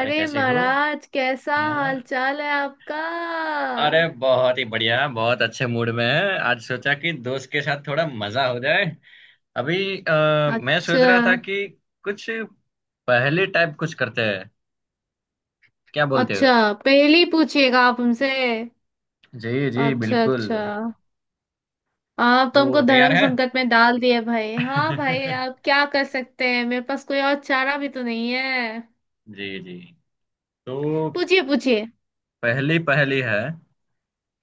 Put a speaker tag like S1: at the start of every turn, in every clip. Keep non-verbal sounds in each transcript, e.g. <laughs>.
S1: अरे कैसे हो।
S2: महाराज, कैसा
S1: हाँ।
S2: हाल चाल है आपका?
S1: अरे बहुत ही बढ़िया बहुत अच्छे मूड में है। आज सोचा कि दोस्त के साथ थोड़ा मजा हो जाए। अभी मैं सोच
S2: अच्छा।
S1: रहा था कि कुछ पहेली टाइप कुछ करते हैं। क्या बोलते हो।
S2: अच्छा, पहली पूछिएगा आप हमसे।
S1: जी जी
S2: अच्छा
S1: बिल्कुल।
S2: अच्छा। आप तो
S1: तो
S2: हमको
S1: तैयार
S2: धर्म
S1: है।
S2: संकट में डाल दिए भाई। हाँ भाई,
S1: <laughs>
S2: आप क्या कर सकते हैं, मेरे पास कोई और चारा भी तो नहीं है।
S1: जी जी। तो
S2: पूछिए पूछिए।
S1: पहली पहली है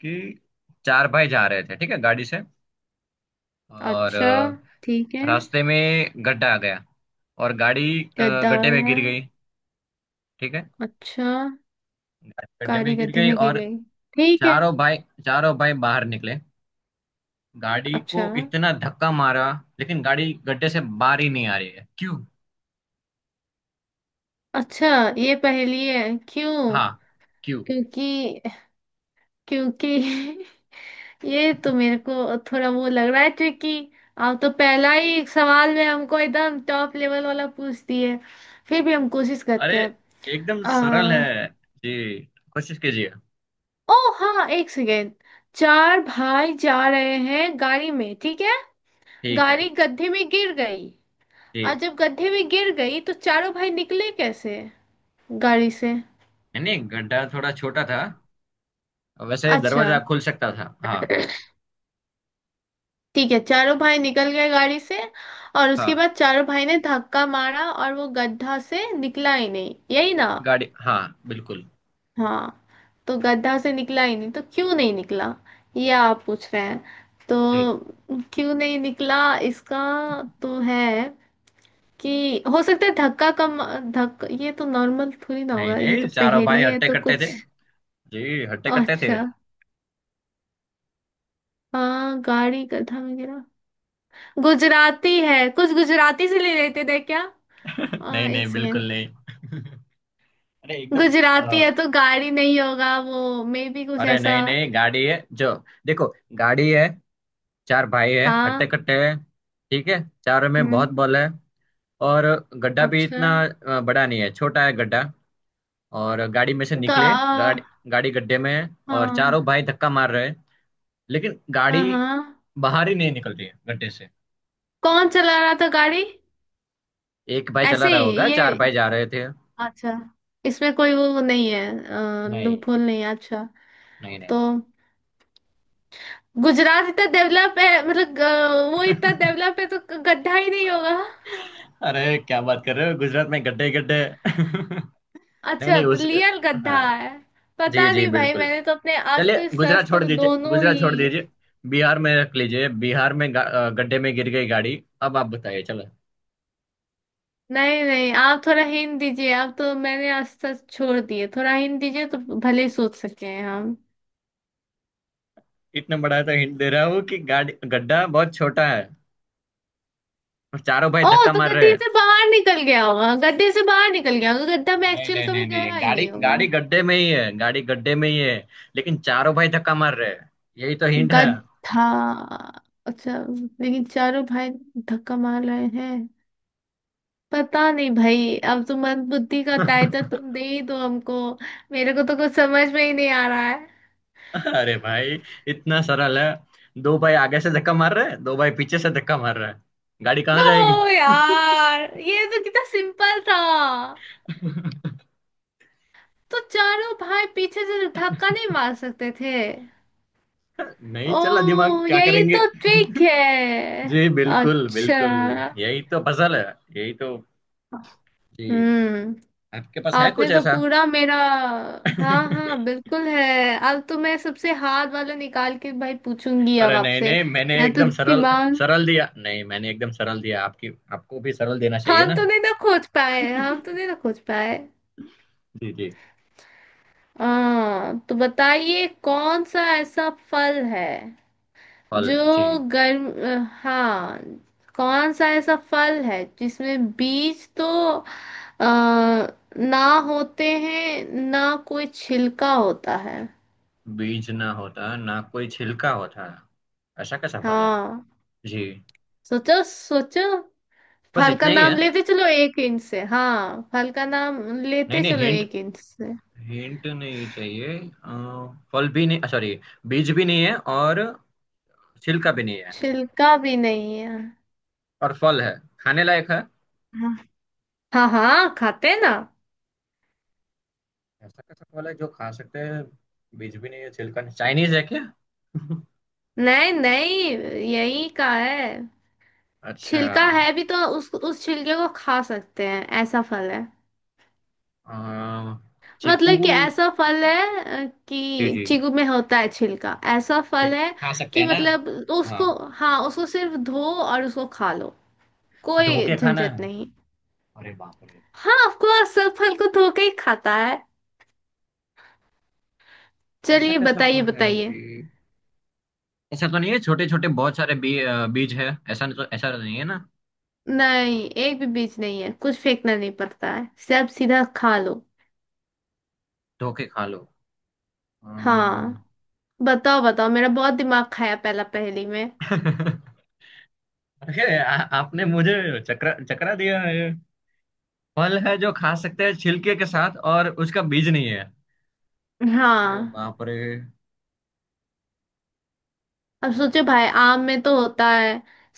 S1: कि चार भाई जा रहे थे ठीक है गाड़ी से। और
S2: अच्छा, ठीक है।
S1: रास्ते में गड्ढा आ गया। और गाड़ी
S2: गद्दा आ
S1: गड्ढे में
S2: गया।
S1: गिर गई। ठीक है।
S2: अच्छा।
S1: गाड़ी गड्ढे में
S2: कारी
S1: गिर
S2: गड्ढे
S1: गई
S2: में गिर
S1: और
S2: गई। ठीक है।
S1: चारों भाई चारों भाई बाहर निकले। गाड़ी को
S2: अच्छा
S1: इतना धक्का मारा लेकिन गाड़ी गड्ढे से बाहर ही नहीं आ रही है। क्यों।
S2: अच्छा। ये पहेली है? क्यों?
S1: हाँ क्यों।
S2: क्योंकि क्योंकि <laughs> ये तो मेरे को थोड़ा वो लग रहा है, क्योंकि आप तो पहला ही सवाल में हमको एकदम टॉप लेवल वाला पूछ दिए। फिर भी हम कोशिश
S1: अरे
S2: करते हैं।
S1: एकदम सरल
S2: आ,
S1: है। जी कोशिश कीजिए।
S2: ओ, हाँ एक सेकेंड। चार भाई जा रहे हैं गाड़ी में, ठीक है।
S1: ठीक है
S2: गाड़ी गड्ढे में गिर गई,
S1: जी।
S2: और जब गड्ढे में गिर गई तो चारों भाई निकले कैसे गाड़ी से?
S1: नहीं नहीं, गड्ढा थोड़ा छोटा था। वैसे
S2: अच्छा
S1: दरवाजा खुल सकता था हाँ।
S2: ठीक है, चारों भाई निकल गए गाड़ी से। और उसके
S1: हाँ
S2: बाद चारों भाई ने धक्का मारा और वो गड्ढा से निकला ही नहीं, यही ना?
S1: गाड़ी हाँ बिल्कुल
S2: हाँ। तो गड्ढा से निकला ही नहीं, तो क्यों नहीं निकला, ये आप पूछ रहे हैं।
S1: जी।
S2: तो क्यों नहीं निकला इसका? तो है कि हो सकता है धक्का कम, धक्का ये तो नॉर्मल थोड़ी ना
S1: नहीं
S2: होगा, ये
S1: नहीं
S2: तो
S1: चारों
S2: पहेली
S1: भाई
S2: है
S1: हट्टे
S2: तो
S1: कट्टे
S2: कुछ।
S1: थे। जी हट्टे कट्टे
S2: अच्छा,
S1: थे। <laughs>
S2: हाँ गाड़ी गड्ढा में गिरा। गुजराती है? कुछ गुजराती से ले लेते थे क्या?
S1: नहीं नहीं
S2: एक सेकेंड।
S1: बिल्कुल नहीं। <laughs> अरे एकदम।
S2: गुजराती है तो गाड़ी नहीं होगा वो, मे बी कुछ
S1: अरे
S2: ऐसा
S1: नहीं नहीं गाड़ी है जो। देखो गाड़ी है। चार भाई है हट्टे
S2: था।
S1: कट्टे है। ठीक है। चारों में बहुत
S2: हम्म।
S1: बल है। और गड्ढा भी
S2: अच्छा।
S1: इतना बड़ा नहीं है छोटा है गड्ढा। और गाड़ी में से निकले गाड़ी।
S2: गा
S1: गाड़ी गड्ढे में है और चारों
S2: हाँ
S1: भाई धक्का मार रहे हैं। लेकिन
S2: हाँ
S1: गाड़ी
S2: हाँ।
S1: बाहर ही नहीं निकल रही है गड्ढे से।
S2: कौन चला रहा था गाड़ी?
S1: एक भाई चला
S2: ऐसे
S1: रहा होगा
S2: ही
S1: चार
S2: ये।
S1: भाई जा रहे थे।
S2: अच्छा। इसमें कोई वो नहीं है,
S1: नहीं
S2: लूपहोल नहीं है? अच्छा।
S1: नहीं
S2: तो
S1: नहीं।
S2: गुजरात इतना डेवलप है, मतलब वो इतना डेवलप है तो गड्ढा ही नहीं होगा।
S1: <laughs> अरे क्या बात कर रहे हो गुजरात में गड्ढे गड्ढे। <laughs> नहीं
S2: अच्छा,
S1: नहीं
S2: तो
S1: उस
S2: रियल
S1: हाँ।
S2: गड्ढा है?
S1: जी
S2: पता
S1: जी
S2: नहीं भाई,
S1: बिल्कुल।
S2: मैंने तो अपने अस्त
S1: चलिए गुजरात छोड़
S2: शस्त्र
S1: दीजिए
S2: दोनों
S1: गुजरात छोड़
S2: ही।
S1: दीजिए। बिहार में रख लीजिए। बिहार में गड्ढे में गिर गई गाड़ी। अब आप बताइए चलो।
S2: नहीं नहीं, आप थोड़ा हिंट दीजिए। आप तो मैंने आज तक छोड़ दिए, थोड़ा हिंट दीजिए तो भले ही सोच सके हैं हम।
S1: इतना बड़ा तो हिंट दे रहा हूँ कि गाड़ी गड्ढा बहुत छोटा है और चारों भाई
S2: ओ,
S1: धक्का
S2: तो
S1: मार रहे
S2: गड्ढे
S1: हैं।
S2: से बाहर निकल गया होगा, गड्ढे से बाहर निकल गया होगा, गड्ढा में
S1: नहीं
S2: एक्चुअल
S1: नहीं
S2: कभी
S1: नहीं नहीं
S2: गहरा ही
S1: गाड़ी
S2: नहीं होगा।
S1: गाड़ी गड्ढे में ही है। गाड़ी गड्ढे में ही है लेकिन चारों भाई धक्का मार रहे हैं। यही तो हिंट है।
S2: गड्ढा। अच्छा। लेकिन चारों भाई धक्का मार रहे हैं। पता नहीं भाई, अब तो मंद बुद्धि का टाइटल तुम दे ही दो हमको। मेरे को तो कुछ समझ में ही नहीं आ रहा है।
S1: <laughs> अरे भाई इतना सरल है। दो भाई आगे से धक्का मार रहे हैं दो भाई पीछे से धक्का मार रहे हैं। गाड़ी कहाँ
S2: ओ
S1: जाएगी।
S2: यार, ये तो कितना सिंपल था। तो चारों भाई पीछे से तो धक्का नहीं मार सकते थे।
S1: <laughs> नहीं चला दिमाग
S2: ओ,
S1: क्या
S2: यही
S1: करेंगे।
S2: तो ट्रिक है।
S1: जी बिल्कुल
S2: अच्छा।
S1: बिल्कुल। यही तो पजल है। यही तो जी।
S2: हम्म।
S1: आपके पास है
S2: आपने
S1: कुछ
S2: तो
S1: ऐसा।
S2: पूरा मेरा। हाँ हाँ, बिल्कुल है। अब तो मैं सबसे हार्ड वाला निकाल के भाई पूछूंगी अब
S1: अरे नहीं
S2: आपसे।
S1: नहीं मैंने
S2: मैं तो
S1: एकदम सरल।
S2: दिमाग।
S1: सरल दिया नहीं मैंने एकदम सरल दिया। आपकी आपको भी सरल देना चाहिए
S2: हम
S1: ना।
S2: तो नहीं ना खोज पाए, हम तो नहीं ना खोज पाए।
S1: जी जी।
S2: तो बताइए, कौन सा ऐसा फल है
S1: फल
S2: जो
S1: जी।
S2: गर्म, हाँ, कौन सा ऐसा फल है जिसमें बीज तो आ, ना होते हैं, ना कोई छिलका होता है?
S1: बीज ना होता ना कोई छिलका होता। ऐसा कैसा फल है
S2: हाँ,
S1: जी।
S2: सोचो सोचो।
S1: बस
S2: फल का
S1: इतना ही
S2: नाम
S1: है।
S2: लेते चलो एक इंच से, हाँ फल का नाम
S1: नहीं
S2: लेते
S1: नहीं
S2: चलो
S1: हिंट
S2: एक इंच से।
S1: हिंट नहीं चाहिए फल भी नहीं सॉरी। बीज भी नहीं है और छिलका भी नहीं है।
S2: छिलका भी नहीं है।
S1: और फल है खाने लायक है।
S2: हाँ। हाँ हाँ, खाते हैं ना।
S1: ऐसा कैसा सवाल है जो खा सकते हैं। बीज भी नहीं है छिलका नहीं। चाइनीज है क्या। <laughs>
S2: नहीं नहीं, यही का है।
S1: अच्छा।
S2: छिलका है भी तो उस छिलके को खा सकते हैं, ऐसा फल है।
S1: अम, चीकू।
S2: मतलब कि ऐसा फल है,
S1: जी
S2: कि
S1: जी।
S2: चीकू में होता है छिलका, ऐसा फल
S1: ठीक,
S2: है।
S1: खा सकते
S2: कि
S1: हैं ना।
S2: मतलब
S1: हाँ
S2: उसको। हाँ, उसको सिर्फ धो और उसको खा लो,
S1: धो
S2: कोई
S1: के खाना है।
S2: झंझट नहीं।
S1: अरे बाप रे।
S2: हाँ, ऑफ कोर्स सब फल को धो के ही खाता है।
S1: ऐसा
S2: चलिए
S1: कैसा
S2: बताइए
S1: फल है
S2: बताइए।
S1: जी। ऐसा तो नहीं है छोटे छोटे बहुत सारे बीज है ऐसा नहीं। तो ऐसा तो नहीं है ना।
S2: नहीं, एक भी बीज नहीं है, कुछ फेंकना नहीं पड़ता है, सब सीधा खा लो।
S1: धो के खा लो। अम,
S2: हाँ, बताओ बताओ, मेरा बहुत दिमाग खाया पहला पहेली में।
S1: <laughs> अरे आपने मुझे चकरा चकरा दिया है। फल है जो खा सकते हैं छिलके के साथ और उसका बीज नहीं है। अरे
S2: हाँ,
S1: बाप रे।
S2: अब सोचो भाई, आम में तो होता है,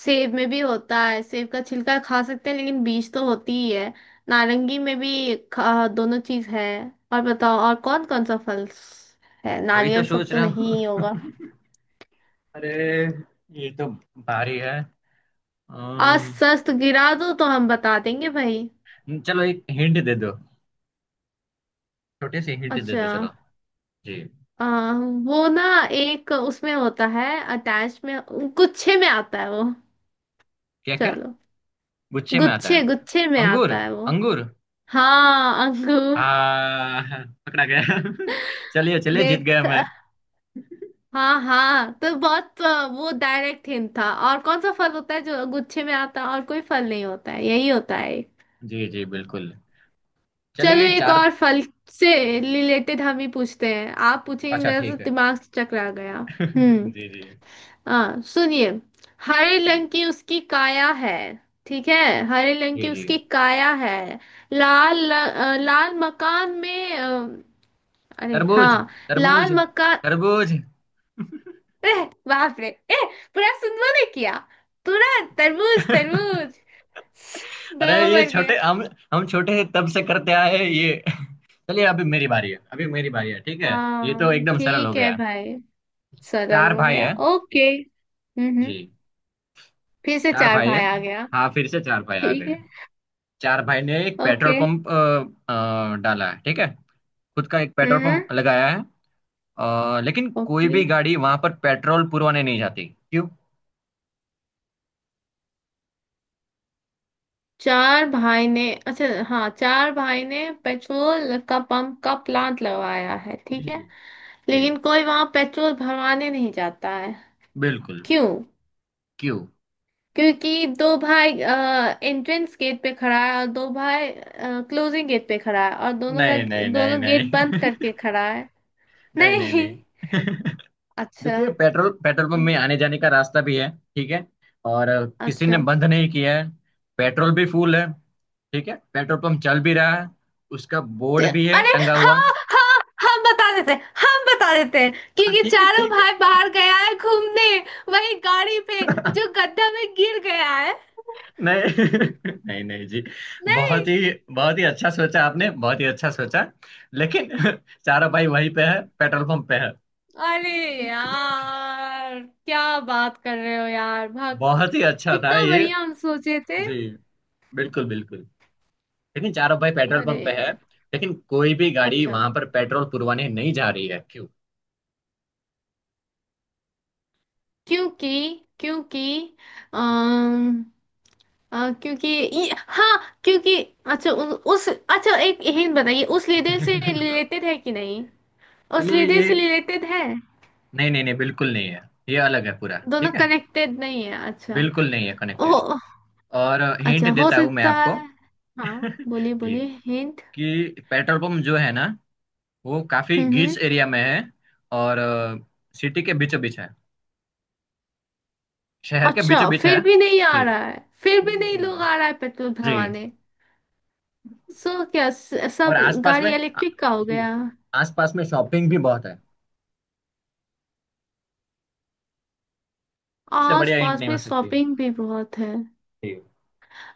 S2: सेब में भी होता है, सेब का छिलका खा सकते हैं लेकिन बीज तो होती ही है। नारंगी में भी खा, दोनों चीज है। और बताओ, और कौन कौन सा फल है?
S1: वही तो
S2: नारियल सब
S1: सोच
S2: तो
S1: रहा
S2: नहीं
S1: हूँ।
S2: ही होगा।
S1: <laughs> अरे ये तो भारी है।
S2: आज
S1: अम्म,
S2: सस्त गिरा दो तो हम बता देंगे भाई।
S1: चलो एक हिंट दे दो। छोटी सी हिंट दे
S2: अच्छा।
S1: दो चलो। जी
S2: आ, वो ना, एक उसमें होता है, अटैच में, गुच्छे में आता है वो।
S1: क्या क्या।
S2: चलो,
S1: गुच्छे में आता
S2: गुच्छे
S1: है।
S2: गुच्छे में आता
S1: अंगूर
S2: है वो।
S1: अंगूर।
S2: हाँ, अंगूर।
S1: आ पकड़ा गया। <laughs> चलिए चलिए जीत
S2: देख,
S1: गया मैं।
S2: हाँ हाँ, तो बहुत वो डायरेक्ट हिंट था, और कौन सा फल होता है जो गुच्छे में आता है? और कोई फल नहीं होता है, यही होता है।
S1: जी जी बिल्कुल।
S2: चलो
S1: चलिए
S2: एक
S1: चार
S2: और फल से रिलेटेड हम ही पूछते हैं, आप पूछेंगे,
S1: अच्छा
S2: मेरा तो
S1: ठीक है।
S2: दिमाग से चकरा गया। हम्म।
S1: <laughs> जी जी।
S2: हाँ सुनिए, हरे
S1: जी
S2: रंग की उसकी काया है, ठीक है? हरे रंग
S1: जी
S2: की
S1: जी।
S2: उसकी काया है, लाल लाल मकान में अरे
S1: तरबूज
S2: हाँ,
S1: तरबूज
S2: लाल मकान।
S1: तरबूज। <laughs>
S2: एह बाप रे, एह, पूरा सुन ने किया, पूरा। तरबूज
S1: <laughs>
S2: तरबूज। दो
S1: अरे ये
S2: बन
S1: छोटे
S2: गए।
S1: हम। हम छोटे हैं तब से करते आए हैं ये। चलिए अभी मेरी बारी है अभी मेरी बारी है। ठीक है। ये तो
S2: हाँ
S1: एकदम सरल हो
S2: ठीक है
S1: गया।
S2: भाई। सरल
S1: चार
S2: हो
S1: भाई
S2: गया,
S1: है।
S2: ओके। हम्म।
S1: जी।
S2: फिर से
S1: चार
S2: चार
S1: भाई है।
S2: भाई आ गया।
S1: हाँ फिर से चार भाई आ गए
S2: ठीक है,
S1: हैं। चार भाई ने एक पेट्रोल
S2: ओके।
S1: पंप डाला है। ठीक है। खुद का एक पेट्रोल
S2: हम्म।
S1: पंप लगाया है। लेकिन कोई
S2: ओके,
S1: भी गाड़ी वहां पर पेट्रोल पुरवाने नहीं जाती। क्यों।
S2: चार भाई ने। अच्छा हाँ, चार भाई ने पेट्रोल का पंप का प्लांट लगवाया है, ठीक
S1: जी
S2: है।
S1: जी जी
S2: लेकिन कोई वहां पेट्रोल भरवाने नहीं जाता है?
S1: बिल्कुल।
S2: क्यों?
S1: क्यों।
S2: क्योंकि दो भाई एंट्रेंस गेट पे खड़ा है, और दो भाई क्लोजिंग गेट पे खड़ा है, और दोनों का,
S1: नहीं नहीं नहीं
S2: दोनों गेट बंद
S1: नहीं।
S2: करके
S1: <laughs>
S2: खड़ा है।
S1: नहीं नहीं
S2: नहीं?
S1: नहीं। <laughs>
S2: अच्छा।
S1: देखिए पेट्रोल पेट्रोल पंप
S2: हम्म,
S1: में आने जाने का रास्ता भी है। ठीक है। और किसी ने
S2: अच्छा।
S1: बंद नहीं किया है। पेट्रोल भी फुल है। ठीक है पेट्रोल पंप चल भी रहा है। उसका
S2: ते-
S1: बोर्ड भी है
S2: अरे
S1: टंगा हुआ।
S2: हाँ हाँ, हम बता देते हैं, हम बता देते हैं।
S1: हाँ,
S2: क्योंकि
S1: ठीक है
S2: चारों
S1: ठीक है।
S2: भाई बाहर गया है घूमने, वही गाड़ी पे जो
S1: <laughs>
S2: गड्ढा में गिर गया है।
S1: नहीं। <laughs> नहीं नहीं जी।
S2: नहीं?
S1: बहुत ही बहुत ही अच्छा सोचा आपने। बहुत ही अच्छा सोचा। लेकिन <laughs> चारा भाई वहीं पे है पेट्रोल पंप पे है।
S2: अरे यार, क्या बात कर रहे हो यार भाग,
S1: बहुत ही अच्छा था
S2: कितना
S1: ये।
S2: बढ़िया हम सोचे थे।
S1: जी बिल्कुल बिल्कुल। लेकिन चारों भाई पेट्रोल
S2: अरे,
S1: पंप पे है। लेकिन कोई भी गाड़ी
S2: अच्छा,
S1: वहां पर पेट्रोल पुरवाने नहीं जा रही है। क्यों।
S2: क्योंकि क्योंकि अम, क्योंकि हाँ क्योंकि, अच्छा उस, अच्छा एक हिंट बताइए, उस लीडर से
S1: <laughs>
S2: रिलेटेड है कि नहीं? उस
S1: पहले
S2: लीडर
S1: ये।
S2: से रिलेटेड है?
S1: नहीं नहीं नहीं बिल्कुल नहीं है। ये अलग है पूरा।
S2: दोनों
S1: ठीक है।
S2: कनेक्टेड नहीं है, अच्छा।
S1: बिल्कुल नहीं है
S2: ओ,
S1: कनेक्टेड। और
S2: अच्छा
S1: हिंट
S2: हो
S1: देता हूँ मैं
S2: सकता
S1: आपको।
S2: है। हाँ, बोलिए
S1: <laughs> जी।
S2: बोलिए हिंट।
S1: कि पेट्रोल पंप जो है ना वो काफी
S2: हम्म हम्म।
S1: गिच एरिया में है। और सिटी के बीचों बीच है। शहर के बीचों
S2: अच्छा,
S1: बीच है।
S2: फिर भी नहीं आ
S1: जी।
S2: रहा है, फिर
S1: फिर
S2: भी
S1: भी
S2: नहीं
S1: नहीं आ रहा।
S2: लोग आ रहा है पेट्रोल
S1: जी।
S2: भरवाने? सो क्या,
S1: और
S2: सब
S1: आसपास में
S2: गाड़ी
S1: आ-।
S2: इलेक्ट्रिक का हो
S1: जी।
S2: गया?
S1: आसपास में शॉपिंग भी बहुत है। इससे
S2: आस
S1: बढ़िया हिंट
S2: पास
S1: नहीं
S2: में
S1: हो सकती।
S2: शॉपिंग भी बहुत है।
S1: जी।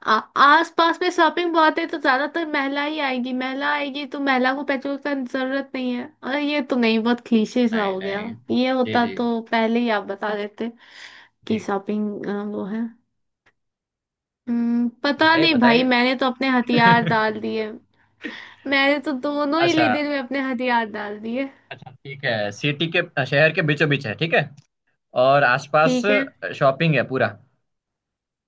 S2: आस पास में शॉपिंग बहुत है, तो ज्यादातर महिला ही आएगी, महिला आएगी तो महिला को पेट्रोल का जरूरत नहीं है, अरे ये तो नहीं, बहुत क्लीशे सा
S1: नहीं
S2: हो गया।
S1: नहीं।
S2: ये
S1: जी
S2: होता
S1: जी
S2: तो पहले ही आप बता देते, कि
S1: ठीक।
S2: शॉपिंग वो है। पता
S1: बताइए
S2: नहीं भाई,
S1: बताइए।
S2: मैंने तो अपने हथियार
S1: <laughs>
S2: डाल दिए। मैंने तो दोनों ही
S1: अच्छा।
S2: लीडर में अपने हथियार डाल दिए।
S1: अच्छा ठीक है। सिटी के शहर के बीचों बीच है ठीक है और आसपास
S2: ठीक है।
S1: शॉपिंग है पूरा।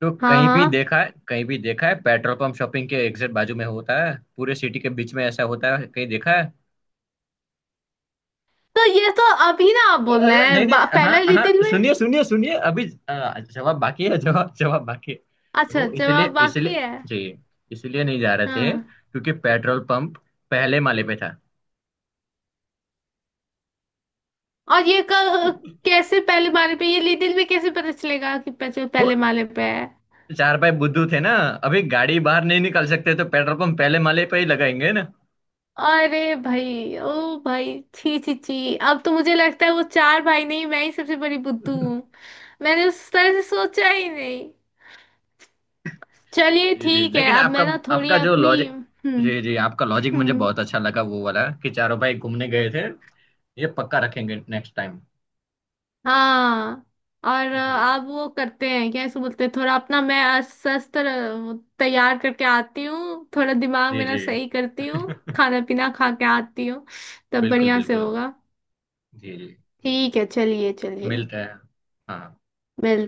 S1: तो
S2: हाँ
S1: कहीं भी
S2: हाँ,
S1: देखा है कहीं भी देखा है पेट्रोल पंप शॉपिंग के एग्जैक्ट बाजू में होता है। पूरे सिटी के बीच में ऐसा होता है कहीं देखा है।
S2: तो ये तो अभी ना आप
S1: अरे
S2: बोल रहे
S1: अरे, नहीं
S2: हैं
S1: नहीं
S2: पहला
S1: हाँ
S2: लीडर
S1: हाँ
S2: में।
S1: सुनिए सुनिए सुनिए अभी जवाब बाकी है। जवाब जवाब बाकी है।
S2: अच्छा,
S1: वो
S2: जवाब
S1: इसलिए
S2: बाकी
S1: इसलिए
S2: है।
S1: जी इसलिए नहीं जा रहे थे
S2: हाँ।
S1: क्योंकि पेट्रोल पंप पहले माले पे था।
S2: और ये कैसे पहले माले पे? ये लिटिल में कैसे पता चलेगा कि बच्चे
S1: वो
S2: पहले माले पे है?
S1: चार भाई बुद्धू थे ना। अभी गाड़ी बाहर नहीं निकाल सकते तो पेट्रोल पंप पहले माले पे ही लगाएंगे ना।
S2: अरे भाई, ओ भाई, छी छी छी, अब तो मुझे लगता है वो चार भाई नहीं, मैं ही सबसे बड़ी बुद्धू हूँ। मैंने उस तरह से सोचा ही नहीं। चलिए
S1: जी जी
S2: ठीक है,
S1: लेकिन
S2: अब
S1: आपका
S2: मैं ना थोड़ी
S1: आपका जो
S2: अपनी।
S1: लॉजिक।
S2: हम्म।
S1: जी जी आपका लॉजिक मुझे
S2: हम्म।
S1: बहुत अच्छा लगा वो वाला कि चारों भाई घूमने गए थे। ये पक्का रखेंगे नेक्स्ट टाइम।
S2: हाँ, और
S1: जी
S2: आप वो करते हैं क्या, इसको बोलते हैं, थोड़ा अपना मैं अस्वस्थ तैयार करके आती हूँ, थोड़ा दिमाग
S1: जी
S2: मेरा
S1: जी।
S2: सही करती हूँ,
S1: <laughs>
S2: खाना पीना खा के आती हूँ। तब
S1: बिल्कुल
S2: बढ़िया से
S1: बिल्कुल।
S2: होगा।
S1: जी जी।
S2: ठीक है, चलिए चलिए।
S1: मिलता है। हाँ
S2: मिल